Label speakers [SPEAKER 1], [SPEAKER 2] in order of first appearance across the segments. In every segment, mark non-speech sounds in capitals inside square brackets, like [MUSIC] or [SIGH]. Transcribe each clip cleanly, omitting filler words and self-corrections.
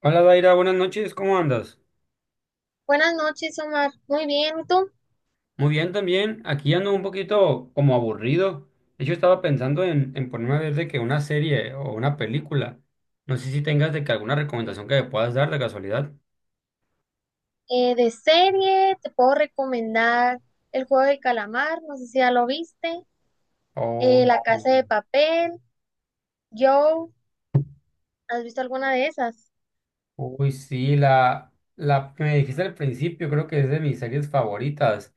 [SPEAKER 1] Hola, Daira, buenas noches, ¿cómo andas?
[SPEAKER 2] Buenas noches, Omar. Muy bien, ¿y tú?
[SPEAKER 1] Muy bien también, aquí ando un poquito como aburrido. De hecho, estaba pensando en ponerme a ver de que una serie o una película. No sé si tengas de que alguna recomendación que me puedas dar de casualidad.
[SPEAKER 2] De serie, te puedo recomendar El juego de calamar, no sé si ya lo viste,
[SPEAKER 1] Oh,
[SPEAKER 2] La casa de
[SPEAKER 1] sí.
[SPEAKER 2] papel, Joe, ¿has visto alguna de esas?
[SPEAKER 1] Uy, sí, la que me dijiste al principio, creo que es de mis series favoritas,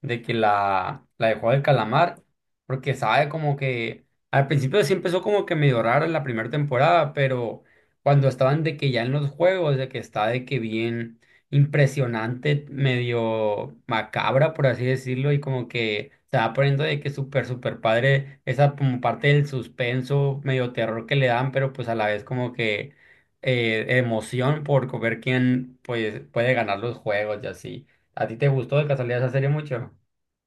[SPEAKER 1] de que la de Juego del Calamar, porque sabe como que al principio sí empezó como que medio raro en la primera temporada, pero cuando estaban de que ya en los juegos, de que está de que bien impresionante, medio macabra, por así decirlo, y como que se va poniendo de que súper, súper padre, esa como parte del suspenso, medio terror que le dan, pero pues a la vez como que emoción por ver quién pues, puede ganar los juegos y así. ¿A ti te gustó de casualidad esa serie mucho?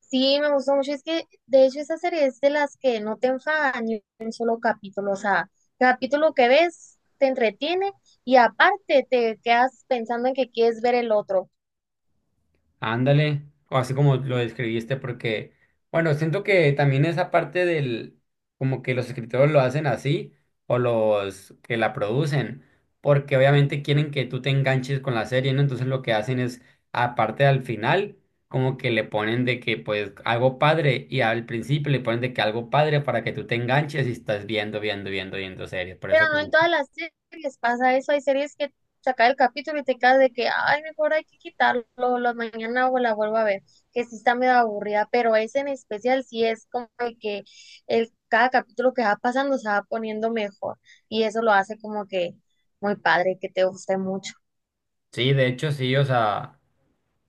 [SPEAKER 2] Sí, me gustó mucho, es que de hecho esa serie es de las que no te enfada ni un solo capítulo, o sea, capítulo que ves te entretiene y aparte te quedas pensando en que quieres ver el otro.
[SPEAKER 1] Ándale, o así como lo describiste, porque, bueno, siento que también esa parte del, como que los escritores lo hacen así, o los que la producen, porque obviamente quieren que tú te enganches con la serie, ¿no? Entonces lo que hacen es, aparte al final, como que le ponen de que, pues, algo padre, y al principio le ponen de que algo padre para que tú te enganches y estás viendo, viendo, viendo, viendo series. Por eso
[SPEAKER 2] Pero no en
[SPEAKER 1] como,
[SPEAKER 2] todas las series pasa eso. Hay series que saca el capítulo y te quedas de que, ay, mejor hay que quitarlo, la mañana o la vuelvo a ver, que sí está medio aburrida, pero ese en especial sí es como de que el, cada capítulo que va pasando se va poniendo mejor y eso lo hace como que muy padre, que te guste mucho.
[SPEAKER 1] sí, de hecho sí, o sea...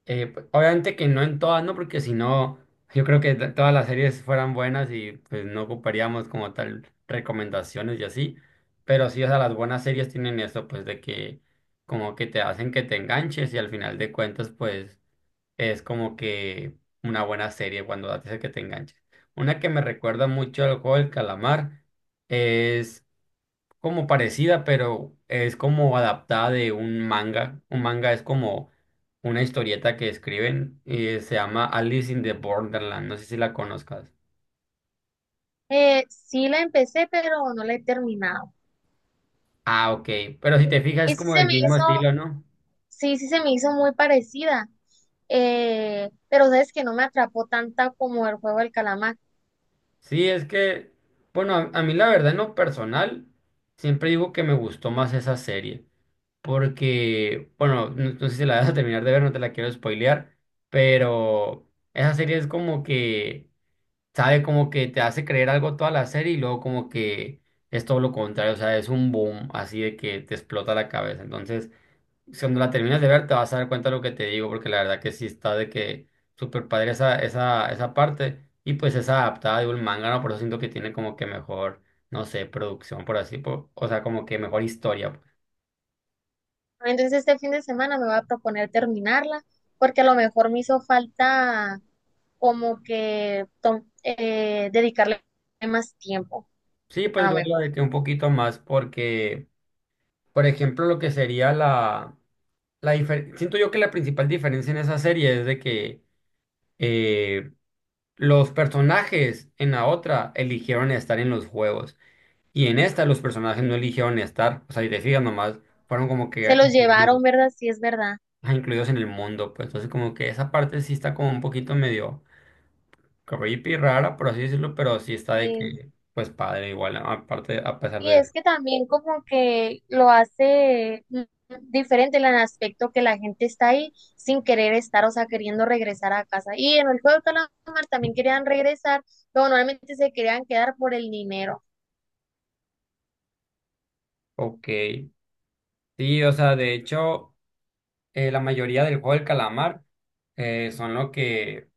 [SPEAKER 1] Pues, obviamente que no en todas, ¿no? Porque si no, yo creo que todas las series fueran buenas y pues no ocuparíamos como tal recomendaciones y así. Pero sí, o sea, las buenas series tienen eso, pues de que como que te hacen que te enganches y al final de cuentas, pues es como que una buena serie cuando hace que te enganches. Una que me recuerda mucho al juego del calamar es como parecida, pero es como adaptada de un manga. Un manga es como una historieta que escriben y se llama Alice in the Borderland. No sé si la conozcas.
[SPEAKER 2] Sí la empecé, pero no la he terminado.
[SPEAKER 1] Ah, ok. Pero si te fijas, es
[SPEAKER 2] Y sí
[SPEAKER 1] como
[SPEAKER 2] se
[SPEAKER 1] del
[SPEAKER 2] me
[SPEAKER 1] mismo
[SPEAKER 2] hizo,
[SPEAKER 1] estilo, ¿no?
[SPEAKER 2] sí se me hizo muy parecida, pero sabes que no me atrapó tanta como el juego del calamar.
[SPEAKER 1] Sí, es que, bueno, a mí la verdad en lo personal, siempre digo que me gustó más esa serie. Porque, bueno, no sé si la vas a terminar de ver, no te la quiero spoilear, pero esa serie es como que sabe como que te hace creer algo toda la serie y luego como que es todo lo contrario, o sea, es un boom así de que te explota la cabeza. Entonces, si cuando la terminas de ver te vas a dar cuenta de lo que te digo, porque la verdad que sí está de que súper padre esa esa parte y pues es adaptada de un manga, ¿no? Por eso siento que tiene como que mejor, no sé, producción, por así, o sea, como que mejor historia. Pues.
[SPEAKER 2] Entonces este fin de semana me voy a proponer terminarla porque a lo mejor me hizo falta como que dedicarle más tiempo,
[SPEAKER 1] Sí, pues
[SPEAKER 2] a lo
[SPEAKER 1] verla
[SPEAKER 2] mejor.
[SPEAKER 1] de que un poquito más porque, por ejemplo, lo que sería la... Siento yo que la principal diferencia en esa serie es de que eh, los personajes en la otra eligieron estar en los juegos y en esta los personajes no eligieron estar, o sea, y te fijas nomás, fueron como
[SPEAKER 2] Se
[SPEAKER 1] que
[SPEAKER 2] los
[SPEAKER 1] incluidos,
[SPEAKER 2] llevaron, ¿verdad? Sí, es verdad.
[SPEAKER 1] ah, incluidos en el mundo, pues entonces como que esa parte sí está como un poquito medio creepy, rara, por así decirlo, pero sí está de
[SPEAKER 2] Sí.
[SPEAKER 1] que, pues padre igual, aparte, a pesar
[SPEAKER 2] Y
[SPEAKER 1] de...
[SPEAKER 2] es que también como que lo hace diferente en el aspecto que la gente está ahí sin querer estar, o sea, queriendo regresar a casa. Y en el juego de calamar también querían regresar, pero normalmente se querían quedar por el dinero.
[SPEAKER 1] Ok, sí, o sea, de hecho... la mayoría del juego del calamar son lo que,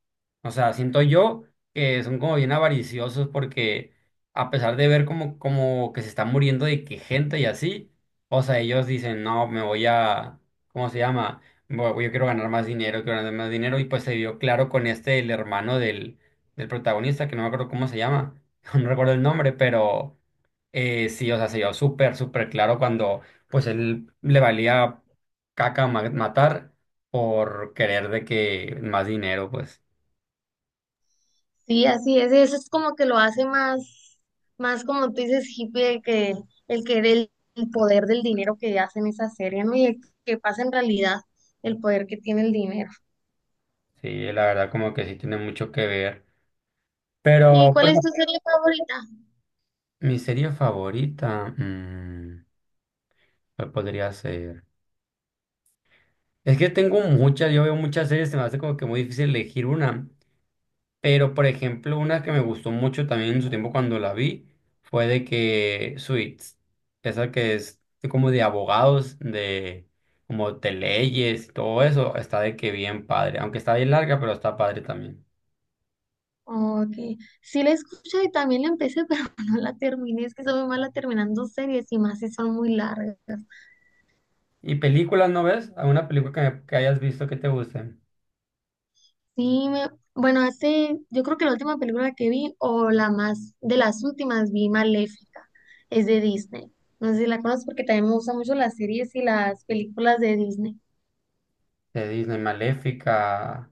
[SPEAKER 1] o sea, siento yo que son como bien avariciosos porque a pesar de ver como que se está muriendo de que gente y así, o sea, ellos dicen, no, me voy a, ¿cómo se llama? Yo quiero ganar más dinero, quiero ganar más dinero y pues se vio claro con este, el hermano del protagonista, que no me acuerdo cómo se llama, [LAUGHS] no recuerdo el nombre, pero... sí, o sea, se vio súper, súper claro cuando pues él le valía caca matar por querer de que más dinero, pues
[SPEAKER 2] Sí, así es, eso es como que lo hace más, más como tú dices, hippie, el que del el poder del dinero que hacen esa serie, ¿no? Y el que pasa en realidad el poder que tiene el dinero.
[SPEAKER 1] sí, la verdad como que sí tiene mucho que ver.
[SPEAKER 2] ¿Y
[SPEAKER 1] Pero
[SPEAKER 2] cuál
[SPEAKER 1] pues
[SPEAKER 2] es tu serie favorita?
[SPEAKER 1] mi serie favorita, mm, ¿cuál podría ser? Es que tengo muchas, yo veo muchas series, se me hace como que muy difícil elegir una. Pero, por ejemplo, una que me gustó mucho también en su tiempo cuando la vi fue de que Suits, esa que es como de abogados, de como de leyes y todo eso, está de que bien padre. Aunque está bien larga, pero está padre también.
[SPEAKER 2] Ok, sí la escuché y también la empecé, [LAUGHS] pero no la terminé, es que soy muy mala terminando series y más si son muy largas.
[SPEAKER 1] ¿Y películas no ves? ¿Alguna película que, que hayas visto que te guste?
[SPEAKER 2] Sí, bueno, hace, yo creo que la última película que vi, o la más, de las últimas, vi Maléfica, es de Disney. No sé si la conoces porque también me gustan mucho las series y las películas de Disney.
[SPEAKER 1] De Disney, Maléfica.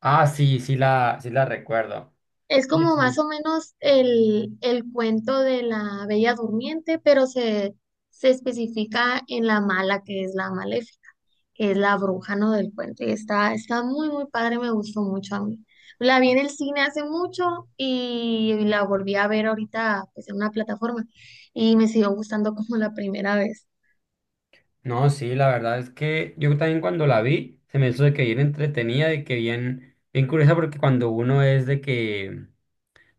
[SPEAKER 1] Ah, sí, sí la recuerdo.
[SPEAKER 2] Es
[SPEAKER 1] Sí,
[SPEAKER 2] como más
[SPEAKER 1] sí.
[SPEAKER 2] o menos el cuento de la Bella Durmiente, pero se especifica en la mala, que es la maléfica, que es la bruja, ¿no? del cuento. Y está, está muy, muy padre, me gustó mucho a mí. La vi en el cine hace mucho y la volví a ver ahorita pues, en una plataforma y me siguió gustando como la primera vez.
[SPEAKER 1] No, sí, la verdad es que yo también cuando la vi se me hizo de que bien entretenida, de que bien, bien curiosa, porque cuando uno es de que,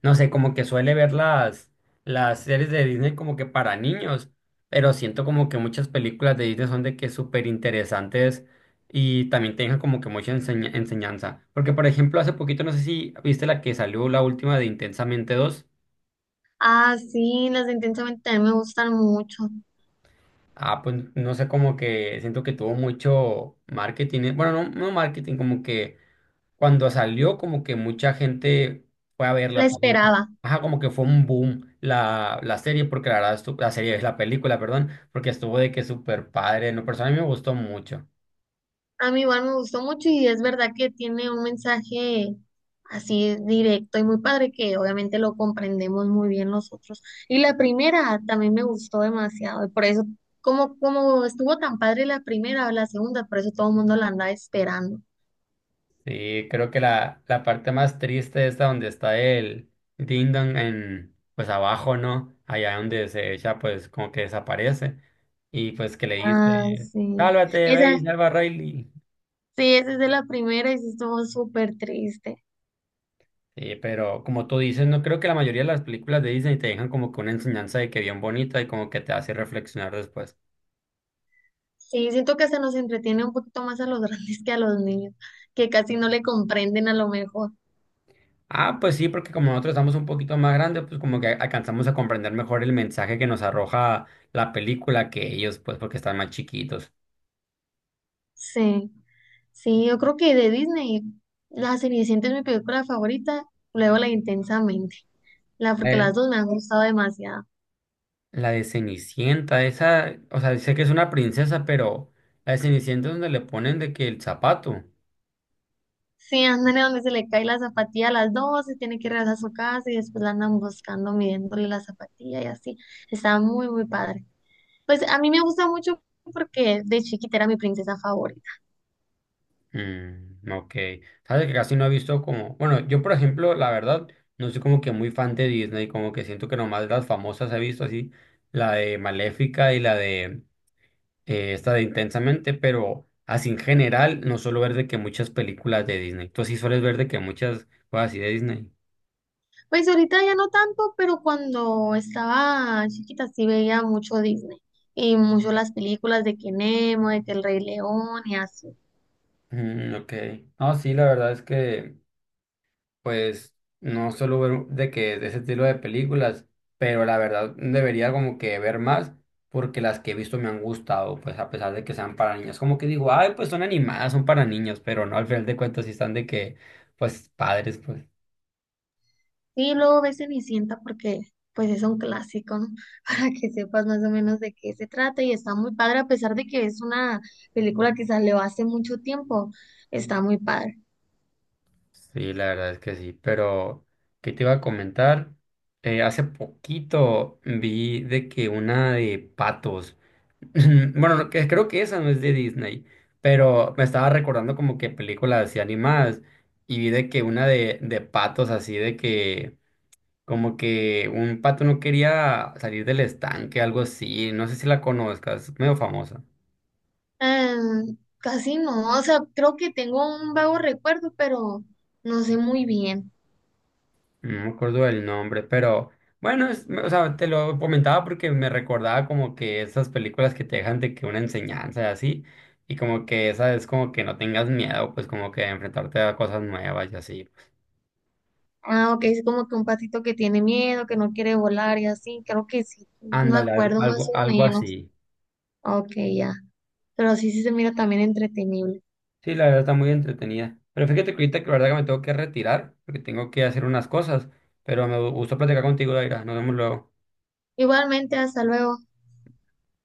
[SPEAKER 1] no sé, como que suele ver las series de Disney como que para niños, pero siento como que muchas películas de Disney son de que súper interesantes y también te dejan como que mucha enseñanza. Porque, por ejemplo, hace poquito, no sé si viste la que salió la última de Intensamente dos.
[SPEAKER 2] Ah, sí, las de Intensamente también me gustan mucho.
[SPEAKER 1] Ah, pues no sé, como que siento que tuvo mucho marketing, bueno, no marketing, como que cuando salió, como que mucha gente fue a
[SPEAKER 2] La
[SPEAKER 1] verla. Pues, como que...
[SPEAKER 2] esperaba.
[SPEAKER 1] Ajá, como que fue un boom la serie, porque la verdad, la serie es la película, perdón, porque estuvo de que súper padre. No, persona a mí me gustó mucho.
[SPEAKER 2] A mí igual me gustó mucho y es verdad que tiene un mensaje así directo y muy padre que obviamente lo comprendemos muy bien nosotros. Y la primera también me gustó demasiado y por eso, como, como estuvo tan padre la primera o la segunda, por eso todo el mundo la andaba esperando.
[SPEAKER 1] Sí, creo que la parte más triste es la donde está el Ding Dong en, pues abajo, ¿no? Allá donde se echa, pues como que desaparece. Y pues que le dice,
[SPEAKER 2] Ah, sí.
[SPEAKER 1] sálvate, ve
[SPEAKER 2] Esa,
[SPEAKER 1] y salva a Riley.
[SPEAKER 2] sí, esa es de la primera y sí estuvo súper triste.
[SPEAKER 1] Sí, pero como tú dices, no creo que la mayoría de las películas de Disney te dejan como que una enseñanza de que bien bonita y como que te hace reflexionar después.
[SPEAKER 2] Sí, siento que se nos entretiene un poquito más a los [LAUGHS] grandes que a los niños, que casi no le comprenden a lo mejor.
[SPEAKER 1] Ah, pues sí, porque como nosotros estamos un poquito más grandes, pues como que alcanzamos a comprender mejor el mensaje que nos arroja la película que ellos, pues porque están más chiquitos.
[SPEAKER 2] Sí. Sí, yo creo que de Disney, La Cenicienta es mi película favorita, luego la Intensamente, la, porque
[SPEAKER 1] Eh,
[SPEAKER 2] las dos me han gustado demasiado.
[SPEAKER 1] la de Cenicienta, esa, o sea, sé que es una princesa, pero la de Cenicienta es donde le ponen de que el zapato.
[SPEAKER 2] Sí, andan donde se le cae la zapatilla a las dos, se tiene que regresar a su casa y después la andan buscando, midiéndole la zapatilla y así. Está muy, muy padre. Pues a mí me gusta mucho porque de chiquita era mi princesa favorita.
[SPEAKER 1] Mm, ok. Sabes que casi no he visto como, bueno, yo por ejemplo, la verdad, no soy como que muy fan de Disney, como que siento que nomás las famosas he visto así, la de Maléfica y la de esta de Intensamente, pero así en general no suelo ver de que muchas películas de Disney. Tú sí sueles ver de que muchas cosas así de Disney.
[SPEAKER 2] Pues ahorita ya no tanto, pero cuando estaba chiquita sí veía mucho Disney y mucho las películas de que Nemo, de que El Rey León y así.
[SPEAKER 1] Mm, ok. No, sí, la verdad es que pues no solo ver de que de ese estilo de películas, pero la verdad debería como que ver más porque las que he visto me han gustado, pues a pesar de que sean para niños. Como que digo, ay, pues son animadas, son para niños, pero no, al final de cuentas sí están de que, pues padres, pues.
[SPEAKER 2] Sí, luego ves Cenicienta porque pues es un clásico, ¿no? [LAUGHS] Para que sepas más o menos de qué se trata y está muy padre, a pesar de que es una película que salió hace mucho tiempo, está muy padre.
[SPEAKER 1] Sí, la verdad es que sí, pero ¿qué te iba a comentar? Hace poquito vi de que una de patos. [LAUGHS] Bueno, no, que, creo que esa no es de Disney, pero me estaba recordando como que películas así animadas y vi de que una de patos así de que como que un pato no quería salir del estanque, algo así, no sé si la conozcas, medio famosa,
[SPEAKER 2] Casi no, o sea, creo que tengo un vago recuerdo, pero no sé muy bien.
[SPEAKER 1] no me acuerdo del nombre, pero bueno, o sea, te lo comentaba porque me recordaba como que esas películas que te dejan de que una enseñanza y así, y como que esa es como que no tengas miedo, pues como que enfrentarte a cosas nuevas y así.
[SPEAKER 2] Ah, ok, es como que un patito que tiene miedo, que no quiere volar y así, creo que sí, me
[SPEAKER 1] Ándale, algo,
[SPEAKER 2] acuerdo más
[SPEAKER 1] algo,
[SPEAKER 2] o
[SPEAKER 1] algo
[SPEAKER 2] menos.
[SPEAKER 1] así.
[SPEAKER 2] Ok, ya, pero sí, sí se mira también entretenible.
[SPEAKER 1] Sí, la verdad está muy entretenida. Pero fíjate que ahorita que la verdad que me tengo que retirar, porque tengo que hacer unas cosas. Pero me gustó platicar contigo, Daira. Nos vemos luego.
[SPEAKER 2] Igualmente, hasta luego.